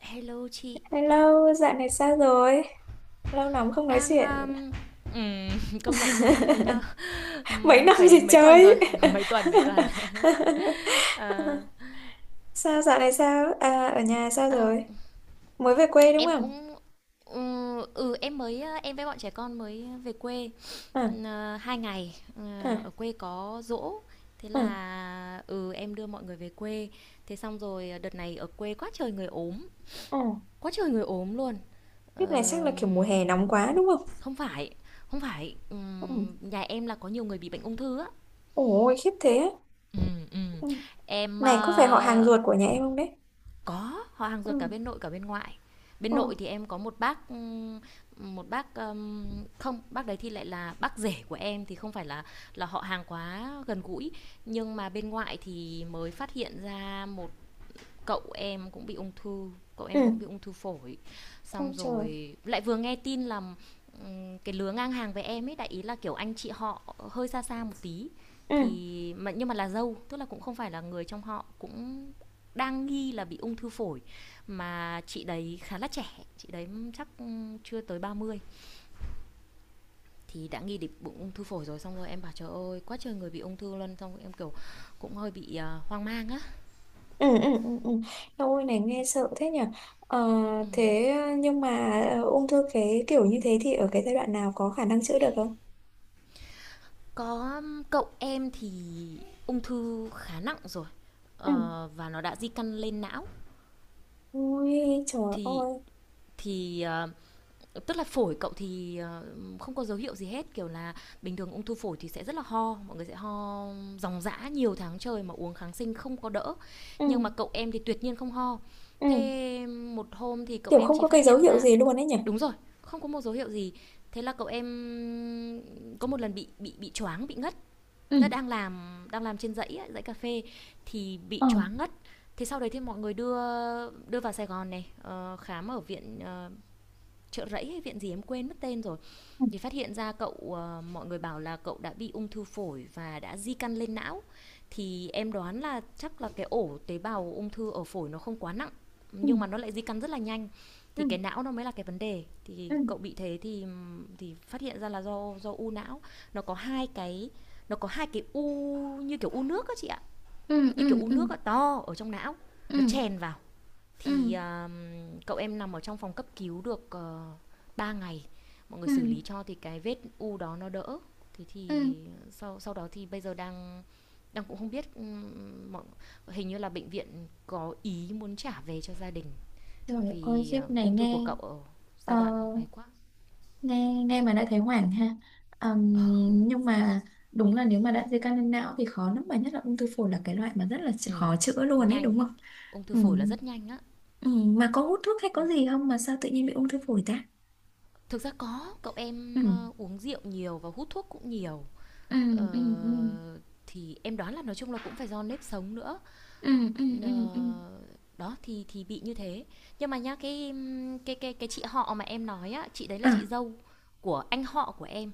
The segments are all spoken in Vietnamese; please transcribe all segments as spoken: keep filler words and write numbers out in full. Hello chị, Hello, dạo này sao rồi? Lâu lắm không nói đang, chuyện. ờm, ừm, công nhận luôn á, mấy năm Mấy ừm, năm phải gì đến mấy tuần rồi, chơi? mấy tuần, mấy tuần. Ờ, Sao dạo này sao? À, ở nhà sao ờ, rồi? Mới về quê đúng em không? cũng ừ, ừ em mới ờ, em với bọn trẻ con mới về quê À, ừm, ờ, hai ngày. Ờ, à, Ở quê có giỗ, thế à, là ừ em đưa mọi người về quê. Thế xong rồi ờ, đợt này ở quê quá trời người ốm, à. quá trời người ốm luôn. Kiếp này chắc là kiểu mùa Ờm, hè nóng quá đúng không? không phải Không phải ừm, Ừ. nhà em là có nhiều người bị bệnh ung thư á. Ôi, khiếp thế á. Ừm, ừm. Ừ. Em, Này, có phải họ hàng ờ, ruột của nhà em không đấy? có họ hàng Ừ, ruột cả bên nội cả bên ngoại. Bên ừ, nội thì em có một bác, ừm, một bác, ờm không, bác đấy thì lại là bác rể của em thì không phải là là họ hàng quá gần gũi, nhưng mà bên ngoại thì mới phát hiện ra một cậu em cũng bị ung thư cậu ừ. em cũng bị ung thư phổi. Xong Ôi trời. rồi lại vừa nghe tin là cái lứa ngang hàng với em ấy, đại ý là kiểu anh chị họ hơi xa xa một tí, Ừ. thì mà nhưng mà là dâu, tức là cũng không phải là người trong họ, cũng đang nghi là bị ung thư phổi. Mà chị đấy khá là trẻ, chị đấy chắc chưa tới ba mươi, thì đã nghi đến bụng ung thư phổi rồi. Xong rồi em bảo trời ơi quá trời người bị ung thư luôn, xong rồi em kiểu cũng hơi bị à, hoang mang á. Ừ, ừ, ừ, ừ. Ôi này nghe sợ thế nhỉ. ờ, Ừ. Thế nhưng mà ờ, ung thư cái kiểu như thế thì ở cái giai đoạn nào có khả năng chữa được không? Có, cậu em thì ung thư khá nặng rồi, Ừ. ờ, và nó đã di căn lên não. Ui trời Thì ơi. thì, ờ, Tức là phổi cậu thì, ờ, không có dấu hiệu gì hết, kiểu là bình thường ung thư phổi thì sẽ rất là ho, mọi người sẽ ho ròng rã nhiều tháng trời mà uống kháng sinh không có đỡ. Nhưng Ừ, mà cậu em thì tuyệt nhiên không ho. ừ. Thế một hôm thì cậu Kiểu em không chỉ có cái phát dấu hiện hiệu ra, gì luôn ấy nhỉ. đúng rồi, không có một dấu hiệu gì. Thế là cậu em có một lần bị bị bị choáng, bị ngất, tớ Ừ. đang làm, đang làm trên dãy ấy, dãy cà phê, thì bị Ờ, choáng ngất. Thế sau đấy thì mọi người đưa, đưa vào Sài Gòn này, ờ, khám ở viện, ờ, chợ rẫy hay viện gì em quên mất tên rồi. ừ, Thì phát hiện ra cậu, ờ, mọi người bảo là cậu đã bị ung thư phổi và đã di căn lên não. Thì em đoán là chắc là cái ổ tế bào ung thư ở phổi nó không quá nặng, ừ, nhưng mà nó lại di căn rất là nhanh. ừ, Thì cái não nó mới là cái vấn đề. Thì ừ. cậu bị thế thì thì phát hiện ra là do do u não. Nó có hai cái, nó có hai cái u, như kiểu u nước á chị ạ, Ừ, như kiểu ừ, u ừ, nước á to ở trong não, nó ừ, chèn vào. ừ, thì à, Cậu em nằm ở trong phòng cấp cứu được ờ, ba ngày, mọi người ừ, xử lý cho thì cái vết u đó nó đỡ. Thế ừ. thì sau, sau đó thì bây giờ đang, đang cũng không biết, ừm, hình như là bệnh viện có ý muốn trả về cho gia đình Trời ơi, vì khiếp ờ, này ung thư của nghe. cậu ở ờ giai đoạn ấy quá. nghe nghe mà đã thấy hoảng ha. Ừm, nhưng mà đúng là nếu mà đã di căn lên não thì khó lắm, mà nhất là ung thư phổi là cái loại mà rất là ch- Ừ, khó chữa luôn ấy nhanh, đúng không? ung thư phổi là Ừm, rất nhanh á. ừm, mà có hút thuốc hay có gì không mà sao tự nhiên bị ung thư phổi ta? Thực ra có cậu em Ừm, ờ, uống rượu nhiều và hút thuốc cũng nhiều. ờ, ừm, ừm, ừm, Uh, thì em đoán là nói chung là cũng phải do nếp sống nữa. ừm, ừm, ừm, ừm. Ờ, Đó, thì thì bị như thế. Nhưng mà nhá, cái, cái cái cái chị họ mà em nói á, chị đấy là À, chị dâu của anh họ của em,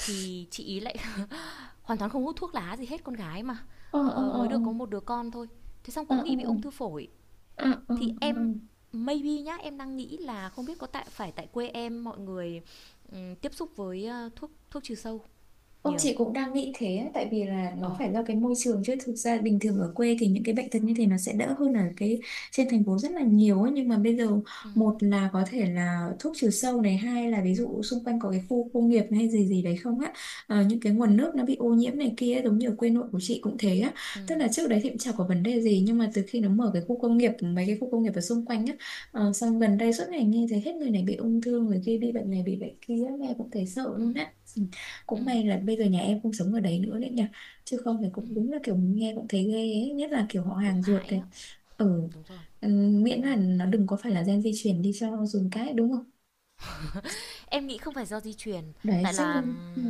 thì chị ý lại hoàn toàn không hút thuốc lá gì hết, con gái mà, ờ, ờ, ờ, ờ, mới được có một đứa con thôi. Thế xong ờ, cũng ờ, nghĩ bị ờ, ung thư phổi, ờ, ờ, ờ, thì ờ. Ờ. em maybe nhá, em đang nghĩ là không biết có tại phải tại quê em mọi người, ừm, tiếp xúc với, a, thuốc thuốc trừ sâu Ông nhiều. chị cũng đang nghĩ thế ấy, tại vì là Ờ. nó phải do cái môi trường chứ thực ra bình thường ở quê thì những cái bệnh tật như thế nó sẽ đỡ hơn ở cái trên thành phố rất là nhiều ấy. Nhưng mà bây giờ, Ừm, một là có thể là thuốc trừ sâu này, hai là ví dụ xung quanh có cái khu công nghiệp hay gì gì đấy không á. Ờ, những cái nguồn nước nó bị ô nhiễm này kia ấy, giống như ở quê nội của chị cũng thế á, tức ừm, là trước đấy thì cũng chả có vấn đề gì nhưng mà từ khi nó mở cái khu công nghiệp, mấy cái khu công nghiệp ở xung quanh á, ờ, xong gần đây suốt ngày nghe thấy hết người này bị ung thư, người kia bị bệnh này bị bệnh kia, nghe cũng thấy sợ luôn ừm, á. Ừ. Cũng may ừm, là ừm, bây giờ nhà em không sống ở đấy nữa đấy nhỉ, chứ không thì ừm, cũng đúng là kiểu nghe cũng thấy ghê ấy, nhất là kiểu họ cũng hàng ruột hại này. á. Ừ. Đúng rồi, Ừ, đúng miễn rồi. là nó đừng có phải là gen di truyền đi cho dùn cái đúng không. Em nghĩ không phải do di truyền, Đấy tại chắc là là ừ,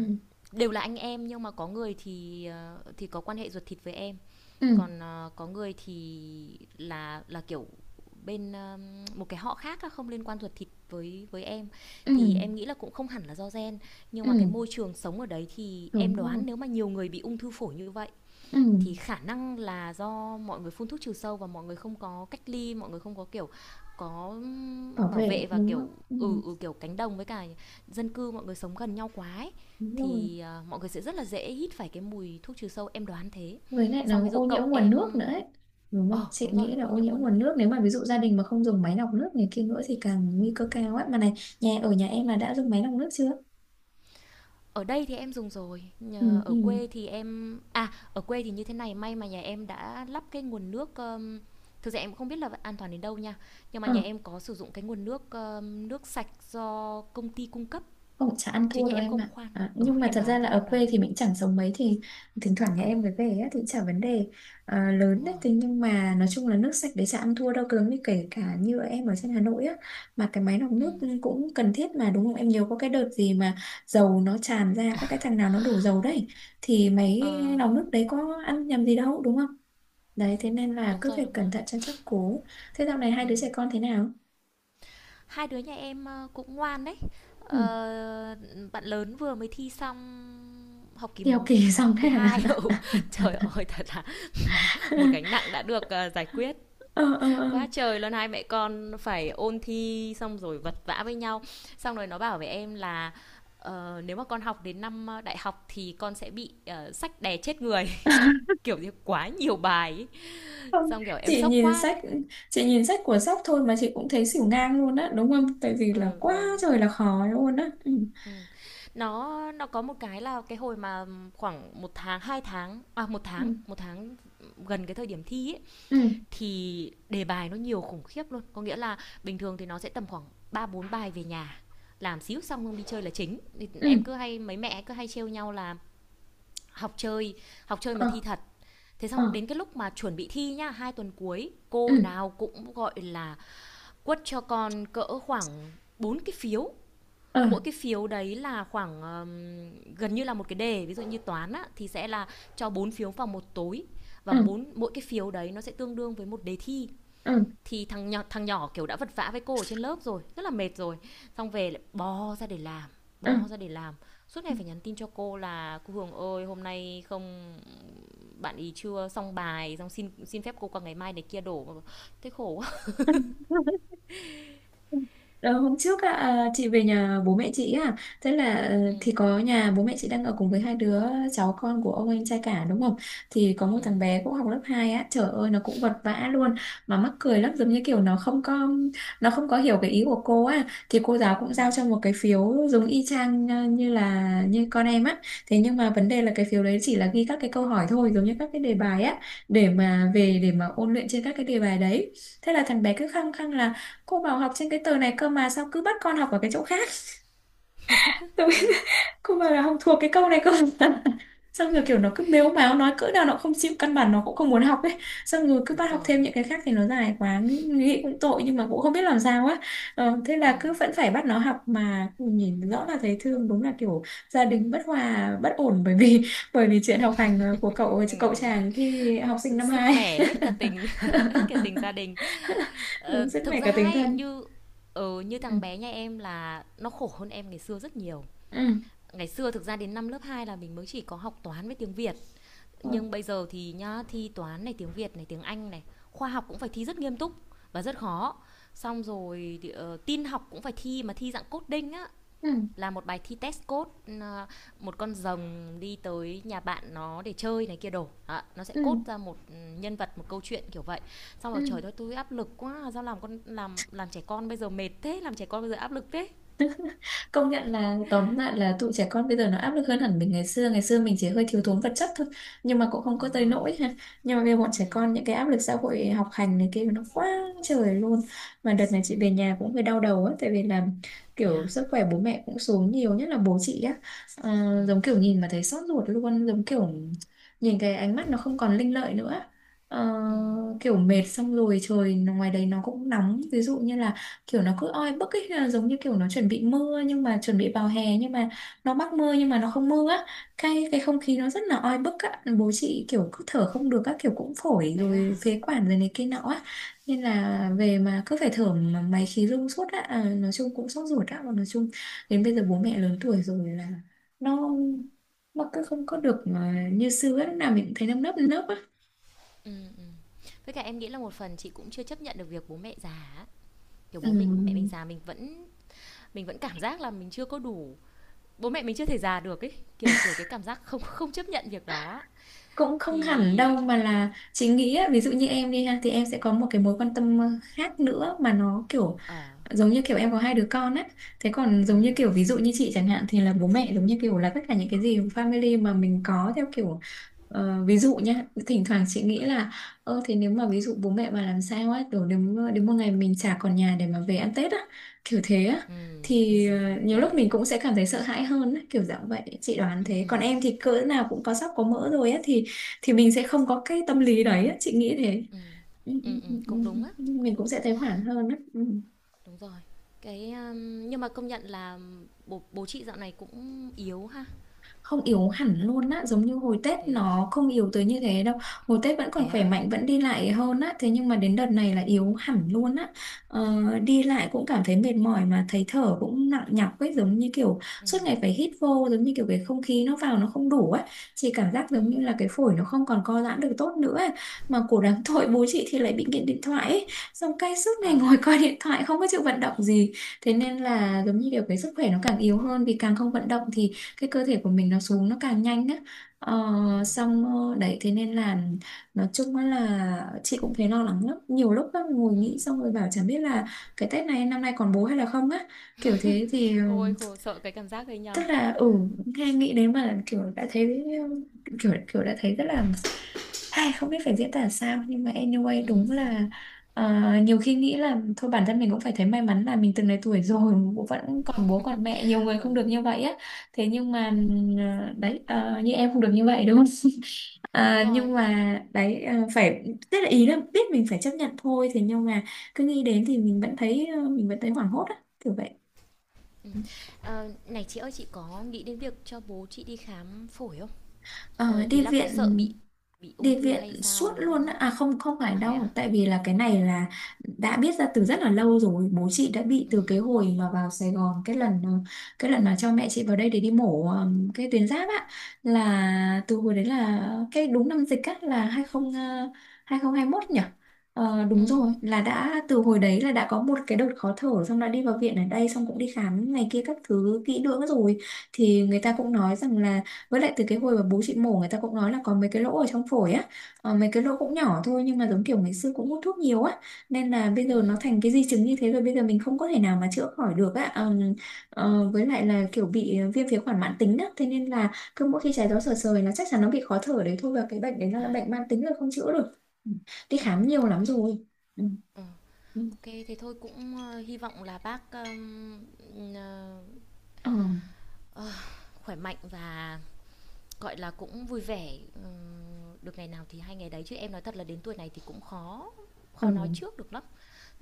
đều là anh em nhưng mà có người thì ờ, thì có quan hệ ruột thịt với em, ừ, còn ờ, có người thì là là kiểu bên, ờ, một cái họ khác á, không liên quan ruột thịt với với em. ừ, Thì em nghĩ là cũng không hẳn là do gen, nhưng ừ mà cái môi trường sống ở đấy thì em đúng rồi. đoán nếu mà nhiều người bị ung thư phổi như vậy Ừ, thì khả năng là do mọi người phun thuốc trừ sâu và mọi người không có cách ly, mọi người không có kiểu có bảo bảo vệ vệ, và đúng kiểu không. Ừ, ừ ừ kiểu cánh đồng với cả dân cư mọi người sống gần nhau quá ấy, đúng rồi, thì à, mọi người sẽ rất là dễ hít phải cái mùi thuốc trừ sâu, em đoán thế. với lại Xong ví nó dụ ô cậu nhiễm nguồn nước em, nữa ấy, đúng không, ờ chị đúng rồi, nghĩ là ô ô nhiễm nhiễm nguồn nước. nguồn nước nếu mà ví dụ gia đình mà không dùng máy lọc nước này kia nữa thì càng nguy cơ cao ấy mà này. Nhà ở nhà em là đã dùng máy lọc nước chưa? Ở đây thì em dùng rồi, Ừ, nhờ ở ừ. quê thì em, à, ở quê thì như thế này, may mà nhà em đã lắp cái nguồn nước, ờm, thực ra em cũng không biết là an toàn đến đâu nha, nhưng mà Ờ, nhà em có sử dụng cái nguồn nước, ờm, nước sạch do công ty cung cấp, không, chả ăn chứ thua nhà đâu em em không ạ. khoan. À, Ừ, nhưng mà em thật ra đoán là thế, em ở đoán quê thế. thì mình chẳng sống mấy, thì thỉnh thoảng nhà Ừ, em mới về á, thì chả vấn đề à, lớn đúng đấy. rồi. Thế nhưng mà nói chung là nước sạch đấy chả ăn thua đâu. Cứng như kể cả như em ở trên Hà Nội á, mà cái máy lọc nước Ừm, cũng cần thiết mà đúng không? Em nhiều có cái đợt gì mà dầu nó tràn ra, có cái thằng nào nó đổ dầu đấy. Thì máy ờ, lọc nước đấy có ăn nhầm gì đâu đúng không? Đấy, thế ừm, nên là đúng cứ rồi, phải đúng cẩn rồi. thận cho chắc cố. Thế dạo này hai đứa trẻ Ừm. con thế nào? Hai đứa nhà em, ơ, cũng ngoan đấy. Ờ, Ừ, Bạn lớn vừa mới thi xong học kỳ, đi học kỳ ừ, xong học kỳ thế hai. Ừ, à? trời ơi, thật là một gánh nặng đã được à, giải quyết Ờ, ờ, ờ. quá trời luôn. Hai mẹ con phải ôn thi xong rồi vật vã với nhau, xong rồi nó bảo với em là ờ, nếu mà con học đến năm ờ, đại học thì con sẽ bị ờ, sách đè chết người kiểu như quá nhiều bài ấy. Không, Xong kiểu em chị sốc nhìn quá sách đấy. chị nhìn sách của sóc thôi mà chị cũng thấy xỉu ngang luôn á, đúng không, tại vì là Ừ, quá ừ, trời là khó luôn á. Ừ, ừ. Nó nó có một cái là cái hồi mà khoảng một tháng, hai tháng, à một ừ, tháng, một tháng gần cái thời điểm thi ấy ừ, thì đề bài nó nhiều khủng khiếp luôn, có nghĩa là bình thường thì nó sẽ tầm khoảng ba bốn bài về nhà làm xíu, xong không đi chơi là chính. ừ, Em cứ hay, mấy mẹ cứ hay trêu nhau là học chơi, học chơi mà thi ờ, thật. Thế ờ, xong đến cái lúc mà chuẩn bị thi nhá, hai tuần cuối ừ, cô nào cũng gọi là quất cho con cỡ khoảng bốn cái phiếu, ờ, mỗi cái phiếu đấy là khoảng, ừm, gần như là một cái đề. Ví dụ như toán á, thì sẽ là cho bốn phiếu vào một tối, và ờ, bốn mỗi cái phiếu đấy nó sẽ tương đương với một đề thi. ờ, Thì thằng nhỏ, thằng nhỏ kiểu đã vật vã với cô ở trên lớp rồi, rất là mệt rồi, xong về lại bò ra để làm, bò ra để làm suốt ngày phải nhắn tin cho cô là cô Hường ơi hôm nay không, bạn ý chưa xong bài, xong xin, xin phép cô qua ngày mai này kia đổ. Thế khổ quá. ờ. Ờ, hôm trước á, à, chị về nhà bố mẹ chị, à thế là ờ, thì Ừ, có nhà bố mẹ chị đang ở cùng với hai đứa cháu, con của ông anh trai cả đúng không, thì có một ừ, thằng bé cũng học lớp hai á, trời ơi nó cũng vật vã luôn, mà mắc cười lắm, giống như kiểu nó không có nó không có hiểu cái ý của cô á. Thì cô giáo cũng ừ, giao cho một cái phiếu giống y chang, ờ, như là như con em á, thế nhưng mà vấn đề là cái phiếu đấy chỉ là ghi các cái câu hỏi thôi, giống như các cái đề bài á, để mà về để mà ôn luyện trên các cái đề bài đấy. Thế là thằng bé cứ khăng khăng là cô bảo học trên cái tờ này cơ, mà sao cứ bắt con học ở cái chỗ khác, tôi cô bảo là không thuộc cái câu này cơ. Xong rồi kiểu nó cứ mếu máo, nói cỡ nào nó không chịu, căn bản nó cũng không muốn học ấy, xong rồi cứ đúng bắt học rồi. thêm những cái khác thì nó dài quá, nghĩ cũng tội nhưng mà cũng không biết làm sao á. Ờ, thế Ừ, là cứ vẫn phải bắt nó học mà nhìn rõ là thấy thương, đúng là kiểu gia đình bất hòa bất ổn bởi vì bởi vì chuyện học hành ờ, của cậu cậu ừ. chàng thì học sinh năm Sứt hai. mẻ hết cả tình hết cả tình gia đình. Ờ, Đúng, rất thực mẻ cả ra tình ấy, thân. như, ừ, như Ừ. thằng bé nhà em là nó khổ hơn em ngày xưa rất nhiều. Ừ. Ngày xưa thực ra đến năm lớp hai là mình mới chỉ có học toán với tiếng Việt. Ừ. Nhưng bây giờ thì nhá, thi toán này, tiếng Việt này, tiếng Anh này, khoa học cũng phải thi rất nghiêm túc và rất khó. Xong rồi thì, ờ, tin học cũng phải thi mà thi dạng coding á, Ừ. là một bài thi test code, ờ, một con rồng đi tới nhà bạn nó để chơi này kia đổ. Đó, nó sẽ cốt Ừ, ra một ừ, nhân vật, một câu chuyện kiểu vậy. Xong ừ. rồi trời ơi tôi áp lực quá. Sao làm con, làm làm trẻ con bây giờ mệt thế. Làm trẻ con bây giờ áp lực thế. Công nhận là tóm lại là tụi trẻ con bây giờ nó áp lực hơn hẳn mình ngày xưa. Ngày xưa mình chỉ hơi thiếu Ừ, thốn vật chất thôi, nhưng mà cũng không có đúng tới rồi. nỗi ha. Nhưng mà bây giờ bọn Ừ, trẻ con những cái áp lực xã hội, học hành này kia nó quá trời luôn. Mà đợt này ừ, chị về nhà cũng hơi đau đầu á, tại vì là đấy kiểu à. sức khỏe bố mẹ cũng xuống nhiều, nhất là bố chị á, à, Ừm, giống kiểu nhìn mà thấy xót ruột luôn, giống kiểu nhìn cái ánh mắt nó không còn linh lợi nữa. Ờ, ừm, kiểu mệt, xong rồi trời ngoài đấy nó cũng nóng, ví dụ như là kiểu nó cứ oi bức ấy, là giống như kiểu nó chuẩn bị mưa, nhưng mà chuẩn bị vào hè nhưng mà nó mắc mưa nhưng mà nó không mưa á, cái cái không khí nó rất là oi bức á, bố chị kiểu cứ thở không được các kiểu, cũng phổi vậy đó rồi hả? phế quản rồi này kia nọ á, nên Ừm, là về mà cứ phải thở mà máy khí rung suốt á. À, nói chung cũng sốt ruột á, và nói chung đến bây giờ bố mẹ lớn tuổi rồi là nó nó cứ không có được à, như xưa á, lúc nào mình cũng thấy nâm nấp nấp á. ừm, ừm. Với cả em nghĩ là một phần chị cũng chưa chấp nhận được việc bố mẹ già á, kiểu Ừ. bố mình mẹ mình già, mình vẫn, mình vẫn cảm giác là mình chưa có đủ, bố mẹ mình chưa thể già được ấy, kiểu, kiểu, cái cảm giác không, không chấp nhận việc đó á. Cũng không hẳn đâu Thì mà, là chị nghĩ á, ví dụ như em đi ha thì em sẽ có một cái mối quan tâm ờ, khác nữa mà nó kiểu ờ, giống như kiểu em có hai đứa con á, thế còn ờ, giống như kiểu ví dụ như chị chẳng hạn thì là bố mẹ giống như kiểu là tất cả những cái gì family mà mình có, theo kiểu ờ, ví dụ nhá, thỉnh thoảng chị nghĩ là ơ thế nếu mà ví dụ bố mẹ mà làm sao á, kiểu đến đến một ngày mình chả còn nhà để mà về ăn Tết á, kiểu thế á, ừ ừ thì ờ, ừm, ừm, nhiều yeah, lúc yeah, mình yeah. cũng sẽ cảm thấy sợ hãi hơn á, kiểu dạng vậy chị đoán thế, còn Ừm, em thì cỡ nào cũng có sắp có mỡ rồi á, thì thì mình sẽ không có cái tâm lý đấy á, chị nghĩ thế. ừm, Ừ, ừ, ừm, ừ, ừm, ừ. cũng đúng á, Ừ. cũng Mình cũng đúng, sẽ thấy hoảng hơn á. Ừ. đúng rồi. Cái, a, nhưng mà công nhận là bố, bố chị dạo này cũng yếu ha? Không, yếu hẳn luôn á, giống như hồi Tết Thế à? nó không yếu tới như thế đâu, hồi Tết vẫn còn Thế khỏe á? mạnh, vẫn đi lại hơn á, thế nhưng mà đến đợt này là yếu hẳn luôn á. ờ, Đi lại cũng cảm thấy mệt mỏi mà thấy thở cũng nặng nhọc ấy, giống như kiểu ừ suốt ngày phải hít vô, giống như kiểu cái không khí nó vào nó không đủ ấy. Chị cảm giác giống ừm, như là cái phổi nó không còn co giãn được tốt nữa ấy. Mà cổ đáng tội bố chị thì lại bị nghiện điện thoại ấy, xong cái suốt ngày ờ. ngồi coi điện thoại không có chịu vận động gì. Thế nên là giống như kiểu cái sức khỏe nó càng yếu hơn, vì càng không vận động thì cái cơ thể của mình nó xuống nó càng nhanh á. ờ, Ừm, xong ờ, Đấy thế nên là nói chung á là chị cũng thấy lo lắng lắm nhiều lúc á, ngồi nghĩ ừm. xong rồi bảo chẳng biết là cái Tết này năm nay còn bố hay là không á, kiểu thế thì Ôi, khổ, sợ cái cảm giác đấy tức nhau. là ừ nghe nghĩ đến mà là kiểu đã thấy, kiểu kiểu đã thấy rất là, hay không biết phải diễn tả sao, nhưng mà anyway Ừm, đúng ừm, là. ờ, Nhiều khi nghĩ là thôi bản thân mình cũng phải thấy may mắn là mình từng này tuổi rồi bố vẫn còn, bố còn mẹ, nhiều người ừ, không được như vậy á, thế nhưng mà ừm, ừm, ờ, đấy, ờ, như em không được như vậy đúng không. đúng Ờ, nhưng rồi, em đang. mà đấy ờ, phải, tức là ý là biết mình phải chấp nhận thôi, thế nhưng mà cứ nghĩ đến thì mình vẫn thấy ờ, mình vẫn thấy hoảng hốt á, kiểu vậy. Ừm. Ờ, này chị ơi, chị có nghĩ đến việc cho bố chị đi khám phổi không? Ờ, Ờ, ý đi là có viện sợ bị, bị ung đi thư hay viện sao suốt đó không luôn á. á? À, không, không phải À, vậy à? đâu tại vì là cái này là đã biết ra từ rất là lâu rồi, bố chị đã bị từ Ừm, cái hồi mà vào Sài Gòn, cái lần ờ, cái lần mà cho mẹ chị vào đây để đi mổ, ờm, cái tuyến giáp á, là từ hồi đấy là cái đúng năm dịch á, là ờ, hai không hai mốt nhỉ. Ờ, đúng ừm, rồi, là đã từ hồi đấy là đã có một cái đợt khó thở, xong đã đi vào viện ở đây xong cũng đi khám này kia các thứ kỹ lưỡng rồi, thì người ta cũng nói rằng là, với lại từ cái hồi mà bố chị mổ người ta cũng nói là có mấy cái lỗ ở trong phổi á, ờ, mấy cái lỗ cũng nhỏ thôi nhưng mà giống kiểu ngày xưa cũng hút thuốc nhiều á, nên là bây giờ nó ừm, thành cái di chứng như thế rồi, bây giờ mình không có thể nào mà chữa khỏi được á. Ờm, ờ, với lại là kiểu bị viêm phế quản mãn tính á, thế nên là cứ mỗi khi trái gió sờ sờ là chắc chắn nó bị khó thở đấy thôi, và cái bệnh đấy nó à, là bệnh mãn tính rồi không chữa được. Ừ. Đi ừm, khám nhiều ô lắm kê, rồi. Ừ. ờ, Ừ. thế thôi cũng, ơ, hy vọng là bác, ừm, ờ, Ờ, ờ, khỏe mạnh và gọi là cũng vui vẻ, được ngày nào thì hay ngày đấy, chứ em nói thật là đến tuổi này thì cũng khó, ừ. khó nói trước được lắm.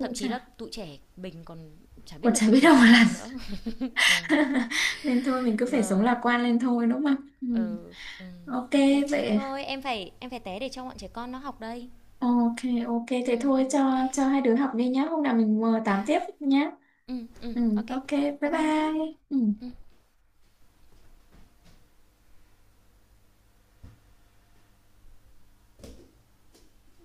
Thậm chí là chả, tụi trẻ mình còn chả còn biết là chả chuyện biết gì đâu xảy mà làm. ra nữa. Ừm, Nên thôi mình cứ phải sống rồi, lạc quan lên thôi đúng không. Ừ. ừ, ừm, OK OK. vậy. Thôi em phải, em phải té để cho bọn trẻ con nó học đây. Ờ, OK, ok, thế Ừm, thôi ừm, OK. cho cho hai đứa học đi nhá. Hôm nào mình ờ, tám Yeah. tiếp nhá. Ừm, ừm, Ừ, OK. ok, bye Bye bye nhá. bye. Ừ. Ừm.